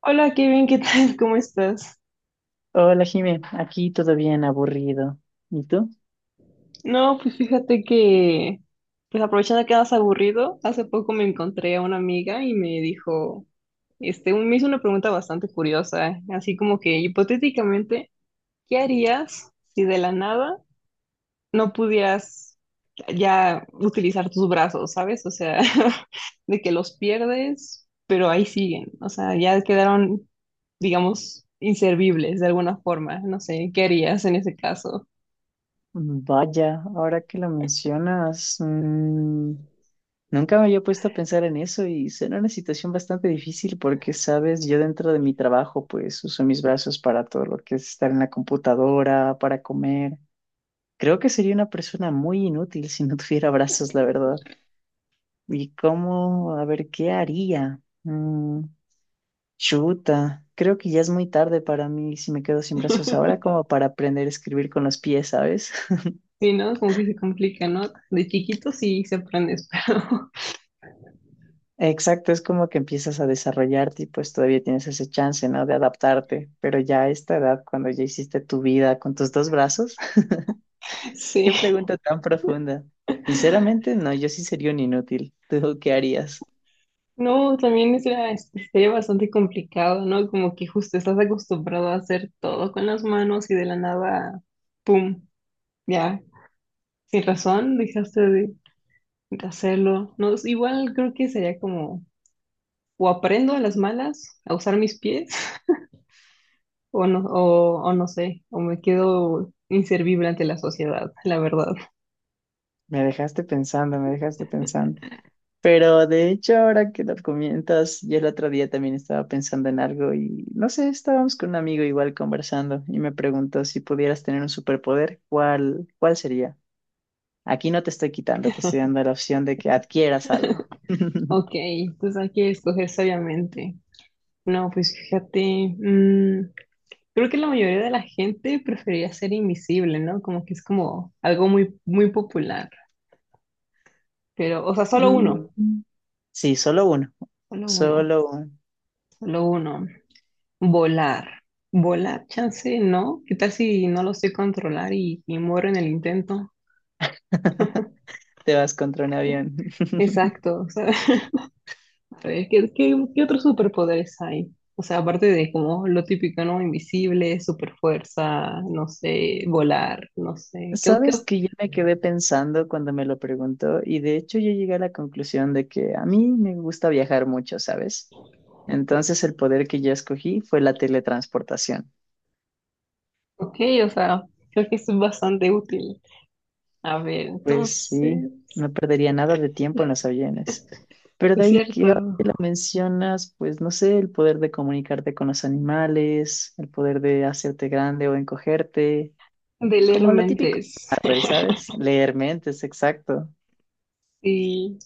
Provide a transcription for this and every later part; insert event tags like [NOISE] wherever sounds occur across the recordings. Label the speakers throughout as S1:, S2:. S1: Hola, Kevin, ¿qué tal? [LAUGHS] ¿Cómo estás?
S2: Hola, Jimé. Aquí todo bien, aburrido. ¿Y tú?
S1: No, pues fíjate que, pues aprovechando que andas aburrido, hace poco me encontré a una amiga y me dijo, me hizo una pregunta bastante curiosa, así como que hipotéticamente, ¿qué harías si de la nada no pudieras ya utilizar tus brazos, ¿sabes? O sea, [LAUGHS] de que los pierdes, pero ahí siguen, o sea, ya quedaron, digamos, inservibles de alguna forma, no sé, ¿qué harías en ese caso?
S2: Vaya, ahora que lo mencionas, nunca me había puesto a pensar en eso y será una situación bastante difícil porque, sabes, yo dentro de mi trabajo, pues uso mis brazos para todo lo que es estar en la computadora, para comer. Creo que sería una persona muy inútil si no [LAUGHS] tuviera brazos, la verdad. ¿Y cómo? A ver, ¿qué haría? Chuta, creo que ya es muy tarde para mí si me quedo sin brazos ahora
S1: [LAUGHS]
S2: como para aprender a escribir con los pies, ¿sabes? [LAUGHS]
S1: Sí, ¿no? Como que se complica, ¿no? De chiquito sí se aprende, [LAUGHS] pero
S2: Exacto, es como que empiezas a desarrollarte y pues todavía tienes ese chance, ¿no? De adaptarte, pero ya a esta edad, cuando ya hiciste tu vida con tus dos brazos, [LAUGHS]
S1: sí.
S2: qué pregunta tan profunda. Sinceramente, no, yo sí sería un inútil. ¿Tú qué harías?
S1: No, también sería bastante complicado, ¿no? Como que justo estás acostumbrado a hacer todo con las manos y de la nada, ¡pum! Ya, sin razón, dejaste de hacerlo. No, igual creo que sería como, o aprendo a las malas a usar mis pies, [LAUGHS] o no, o no sé, o me quedo inservible ante la sociedad, la verdad.
S2: Me dejaste pensando, me dejaste pensando. Pero de hecho, ahora que lo comentas, yo el otro día también estaba pensando en algo y no sé, estábamos con un amigo igual conversando y me preguntó si pudieras tener un superpoder, ¿cuál sería? Aquí no te estoy quitando, te estoy dando la opción de que adquieras algo. [LAUGHS]
S1: Ok, entonces hay que escoger sabiamente. No, pues fíjate, mm, creo que la mayoría de la gente prefería ser invisible, ¿no? Como que es como algo muy, muy popular. Pero, o sea, solo uno,
S2: Mm, sí, solo uno,
S1: solo uno,
S2: solo uno.
S1: solo uno. Volar. Volar, chance, ¿no? ¿Qué tal si no lo sé controlar y muero en el intento?
S2: [LAUGHS] Te vas contra un avión. [LAUGHS]
S1: Exacto, o sea, [LAUGHS] a ver, ¿qué otros superpoderes hay? O sea, aparte de como lo típico, ¿no? Invisible, superfuerza, no sé, volar, no sé. ¿Qué?
S2: Sabes que yo me quedé pensando cuando me lo preguntó y de hecho yo llegué a la conclusión de que a mí me gusta viajar mucho, ¿sabes? Entonces el poder que yo escogí fue la teletransportación.
S1: Ok, o sea, creo que es bastante útil. A ver,
S2: Pues
S1: entonces,
S2: sí, no perdería nada de tiempo en los aviones. Pero de
S1: es
S2: ahí
S1: cierto,
S2: que ahora que lo mencionas, pues no sé, el poder de comunicarte con los animales, el poder de hacerte grande o encogerte,
S1: de leer
S2: como lo típico,
S1: mentes.
S2: de Marvel,
S1: [LAUGHS]
S2: ¿sabes? Leer mentes, exacto,
S1: Sí,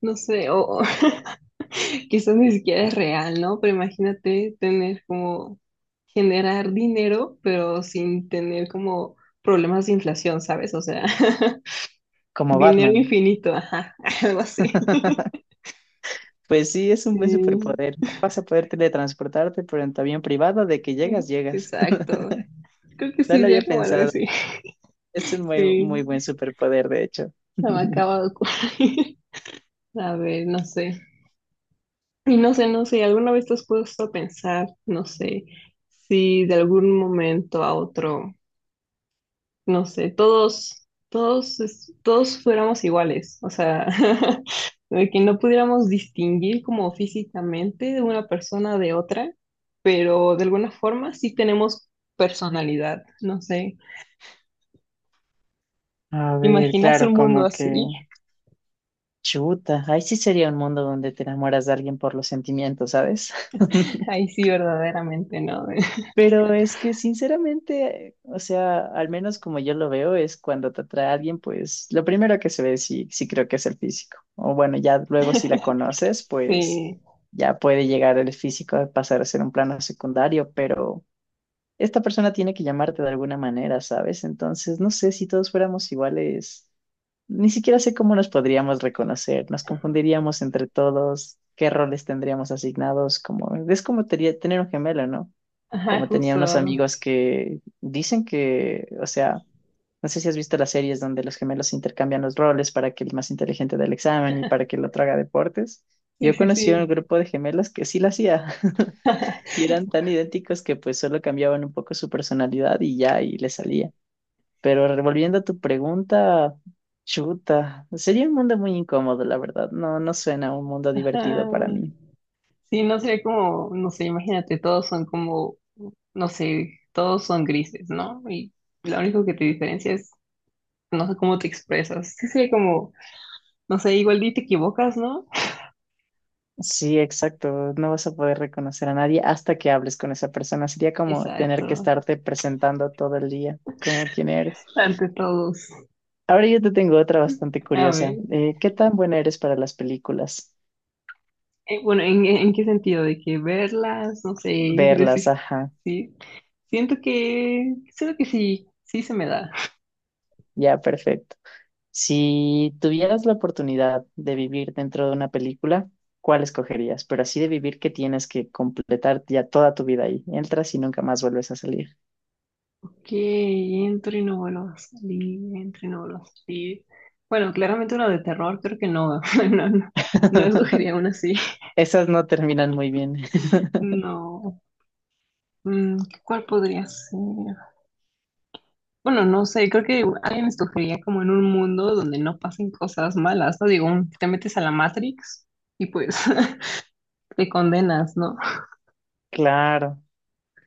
S1: no sé, o [LAUGHS] quizás ni siquiera es real, ¿no? Pero imagínate tener como generar dinero, pero sin tener como problemas de inflación, ¿sabes? O sea, [LAUGHS]
S2: como
S1: dinero
S2: Batman.
S1: infinito, ajá, [LAUGHS] algo así.
S2: [LAUGHS] Pues sí, es un buen
S1: Sí,
S2: superpoder. Vas a poder teletransportarte, pero en tu avión privado, de que llegas,
S1: [LAUGHS]
S2: llegas. [LAUGHS]
S1: exacto. Creo que
S2: No
S1: sí,
S2: lo había
S1: sería como algo
S2: pensado.
S1: así.
S2: Es un muy, muy buen
S1: Sí,
S2: superpoder, de hecho.
S1: se me
S2: [LAUGHS]
S1: acaba de ocurrir. A ver, no sé. Y no sé, no sé, ¿alguna vez te has puesto a pensar, no sé, si de algún momento a otro, no sé, todos fuéramos iguales? O sea, [LAUGHS] de que no pudiéramos distinguir como físicamente de una persona de otra, pero de alguna forma sí tenemos personalidad, no sé.
S2: A ver,
S1: ¿Imaginas un
S2: claro,
S1: mundo
S2: como que
S1: así?
S2: chuta, ahí sí sería un mundo donde te enamoras de alguien por los sentimientos, ¿sabes? [LAUGHS]
S1: [LAUGHS] Ahí sí, verdaderamente, ¿no?
S2: Pero es que sinceramente, o sea, al menos como yo lo veo, es cuando te atrae a alguien, pues lo primero que se ve sí, creo que es el físico. O bueno, ya luego si la
S1: [LAUGHS]
S2: conoces, pues
S1: Sí,
S2: ya puede llegar el físico a pasar a ser un plano secundario, pero esta persona tiene que llamarte de alguna manera, ¿sabes? Entonces, no sé si todos fuéramos iguales, ni siquiera sé cómo nos podríamos reconocer, nos confundiríamos entre todos, qué roles tendríamos asignados, como es como tener un gemelo, ¿no?
S1: ajá,
S2: Como tenía unos
S1: justo.
S2: amigos que dicen que, o sea, no sé si has visto las series donde los gemelos intercambian los roles para que el más inteligente del examen y para que el otro haga deportes.
S1: Sí,
S2: Yo
S1: sí,
S2: conocí a un
S1: sí.
S2: grupo de gemelos que sí lo hacía [LAUGHS] y eran tan
S1: [LAUGHS]
S2: idénticos que pues solo cambiaban un poco su personalidad y ya, y le salía. Pero revolviendo a tu pregunta, chuta, sería un mundo muy incómodo, la verdad. No, no suena un mundo
S1: Ajá.
S2: divertido para mí.
S1: Sí, no sería como, no sé, imagínate, todos son como, no sé, todos son grises, ¿no? Y lo único que te diferencia es, no sé cómo te expresas. Sí, sería como, no sé, igual y te equivocas, ¿no?
S2: Sí, exacto. No vas a poder reconocer a nadie hasta que hables con esa persona. Sería como
S1: Exacto,
S2: tener que estarte presentando todo el día, como quién eres.
S1: ante todos.
S2: Ahora yo te tengo otra bastante
S1: A
S2: curiosa.
S1: ver,
S2: ¿Qué tan buena eres para las películas?
S1: bueno, en qué sentido? De que verlas, no sé,
S2: Verlas,
S1: decir,
S2: ajá.
S1: sí. Siento que sí, sí se me da.
S2: Ya, perfecto. Si tuvieras la oportunidad de vivir dentro de una película, ¿cuál escogerías? Pero así de vivir que tienes que completar ya toda tu vida ahí. Entras y nunca más vuelves a salir.
S1: Que entro y no vuelvo a salir, entro y no vuelvo a salir. Bueno, claramente uno de terror creo que no, [LAUGHS] no, no, no
S2: [LAUGHS]
S1: escogería uno así.
S2: Esas no terminan muy bien. [LAUGHS]
S1: No. Mm, ¿Cuál podría ser? Bueno, no sé, creo que alguien escogería como en un mundo donde no pasen cosas malas, ¿no? Digo, te metes a la Matrix y pues [LAUGHS] te condenas, ¿no?
S2: Claro.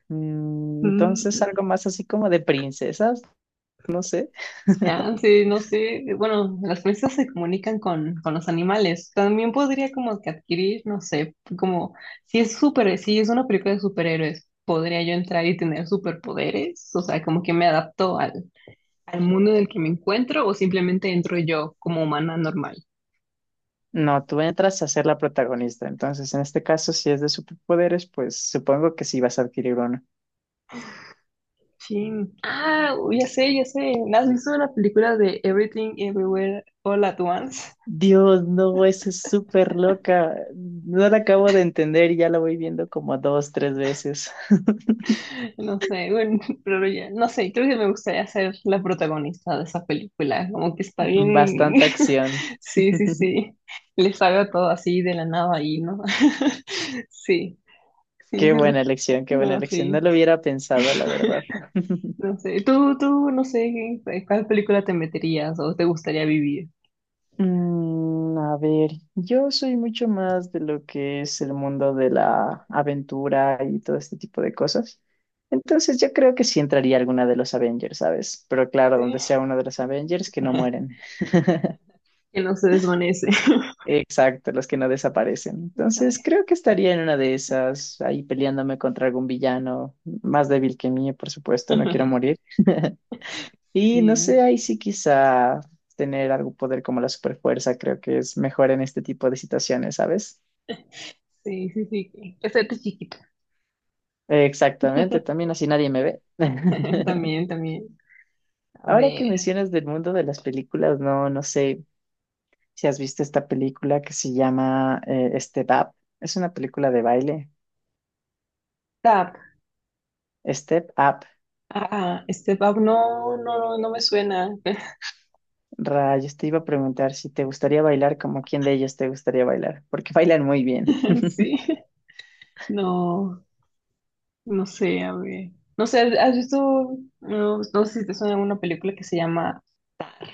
S2: Entonces,
S1: Mm.
S2: algo más así como de princesas, no sé.
S1: Ah, sí, no sé. Bueno, las princesas se comunican con los animales. También podría como que adquirir, no sé, como si es una película de superhéroes, podría yo entrar y tener superpoderes. O sea, como que me adapto al mundo en el que me encuentro o simplemente entro yo como humana normal.
S2: No, tú entras a ser la protagonista. Entonces, en este caso, si es de superpoderes, pues supongo que sí vas a adquirir uno.
S1: Sí. Ah, ya sé, ya sé. ¿Has visto la película de Everything Everywhere All at Once?
S2: Dios, no, esa es súper loca. No la acabo de entender y ya la voy viendo como dos, tres veces.
S1: No sé, bueno, [LAUGHS] pero ya, no sé, creo que me gustaría ser la protagonista de esa película, como que está
S2: [LAUGHS]
S1: bien,
S2: Bastante
S1: [LAUGHS]
S2: acción.
S1: sí, sí,
S2: [LAUGHS]
S1: sí, les haga todo así de la nada ahí, ¿no? [LAUGHS] Sí, sí,
S2: Qué
S1: sí,
S2: buena
S1: sí.
S2: elección, qué buena
S1: No,
S2: elección. No
S1: sí,
S2: lo hubiera pensado, la verdad.
S1: [LAUGHS]
S2: [LAUGHS]
S1: no sé, no sé, ¿en ¿cuál película te meterías o te gustaría vivir?
S2: Mm, a ver, yo soy mucho más de lo que es el mundo de la aventura y todo este tipo de cosas. Entonces yo creo que sí entraría alguna de los Avengers, ¿sabes? Pero claro, donde
S1: Sí,
S2: sea uno de los Avengers que no mueren. [LAUGHS]
S1: que no se desvanece,
S2: Exacto, los que no desaparecen.
S1: [LAUGHS]
S2: Entonces
S1: ¿sabes?
S2: creo que estaría en una de esas, ahí peleándome contra algún villano más débil que mí, por supuesto, no quiero morir. [LAUGHS] Y no
S1: Y-
S2: sé, ahí sí quizá tener algún poder como la superfuerza creo que es mejor en este tipo de situaciones, ¿sabes?
S1: Sí, sí, sí, que hacerte chiquito.
S2: Exactamente,
S1: [LAUGHS]
S2: también así nadie me ve. [LAUGHS]
S1: También, también. A
S2: Ahora que
S1: ver.
S2: mencionas del mundo de las películas, no, no sé si has visto esta película que se llama Step Up. Es una película de baile. Step Up.
S1: Ah, Step Up no, no, no me suena.
S2: Rayos, te iba a preguntar si te gustaría bailar, como quién de ellos te gustaría bailar, porque [LAUGHS] bailan muy bien.
S1: [LAUGHS] Sí, no, no sé, a ver. No sé, ¿has visto? No, no sé si te suena una película que se llama Tar.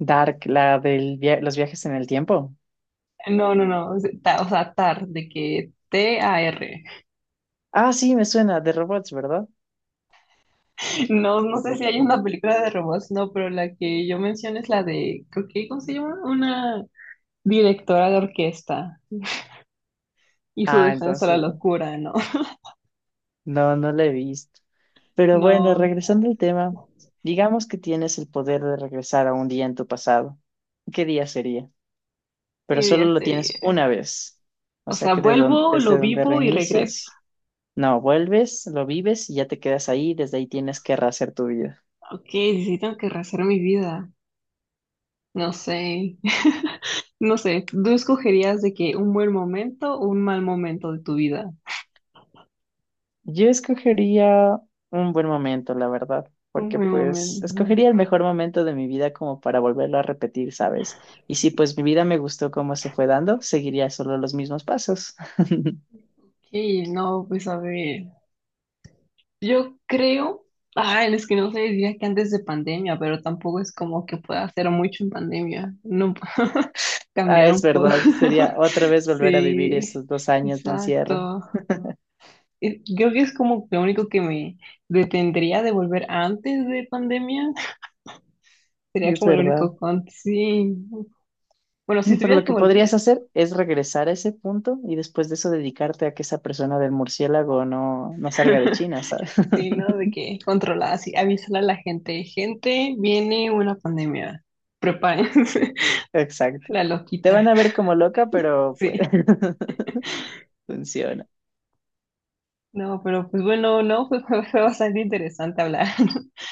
S2: Dark, la de los viajes en el tiempo.
S1: No, no, no, es o sea, Tar, de que TAR.
S2: Ah, sí, me suena, de robots, ¿verdad?
S1: No, no sé si hay una película de robots, no, pero la que yo menciono es la de, creo que, ¿cómo se llama? Una directora de orquesta y su
S2: Ah,
S1: defensa a la
S2: entonces,
S1: locura, ¿no? [LAUGHS]
S2: no, no la he visto. Pero bueno,
S1: No,
S2: regresando al tema, digamos que tienes el poder de regresar a un día en tu pasado. ¿Qué día sería? Pero
S1: ¿qué
S2: solo
S1: día
S2: lo tienes
S1: sería?
S2: una vez. O
S1: O
S2: sea
S1: sea,
S2: que
S1: vuelvo, lo
S2: desde donde
S1: vivo y regreso.
S2: reinicias, no, vuelves, lo vives y ya te quedas ahí. Desde ahí tienes que rehacer tu vida.
S1: Ok, necesitan que rehacer mi vida. No sé, [LAUGHS] no sé, ¿tú escogerías de que un buen momento o un mal momento de tu vida?
S2: Yo escogería un buen momento, la verdad,
S1: Un
S2: porque
S1: buen
S2: pues
S1: momento.
S2: escogería el mejor momento de mi vida como para volverlo a repetir, ¿sabes? Y si pues mi vida me gustó como se fue dando, seguiría solo los mismos pasos.
S1: Sí, no, pues a ver. Yo creo, ay, es que no sé, diría que antes de pandemia, pero tampoco es como que pueda hacer mucho en pandemia. No, [LAUGHS]
S2: Ah,
S1: cambiar
S2: es
S1: un poco.
S2: verdad, sería
S1: [LAUGHS]
S2: otra vez volver a vivir
S1: Sí,
S2: esos 2 años de encierro.
S1: exacto. Y creo que es como lo único que me detendría de volver antes de pandemia, sería
S2: Es
S1: como el
S2: verdad.
S1: único con... Sí. Bueno, si
S2: Mm, pero
S1: tuvieras
S2: lo
S1: que
S2: que podrías
S1: volver.
S2: hacer es regresar a ese punto y después de eso dedicarte a que esa persona del murciélago no, no salga de
S1: [LAUGHS]
S2: China, ¿sabes?
S1: Sí, ¿no?
S2: [LAUGHS]
S1: De que controlada, sí, avísale a la gente. Gente, viene una pandemia. Prepárense.
S2: Exacto.
S1: [LAUGHS] La
S2: Te van
S1: loquita.
S2: a ver como loca, pero pues
S1: Sí.
S2: [LAUGHS] funciona.
S1: No, pero pues bueno, no, pues [LAUGHS] fue bastante interesante hablar. [LAUGHS]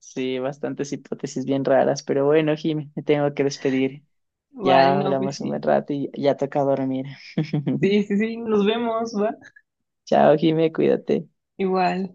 S2: Sí, bastantes hipótesis bien raras, pero bueno, Jimmy, me tengo que despedir.
S1: Vale,
S2: Ya
S1: no, pues
S2: hablamos un buen
S1: sí.
S2: rato y ya toca dormir. [LAUGHS]
S1: Sí, sí, sí, nos vemos, va.
S2: Chao, Jimmy, cuídate.
S1: Igual.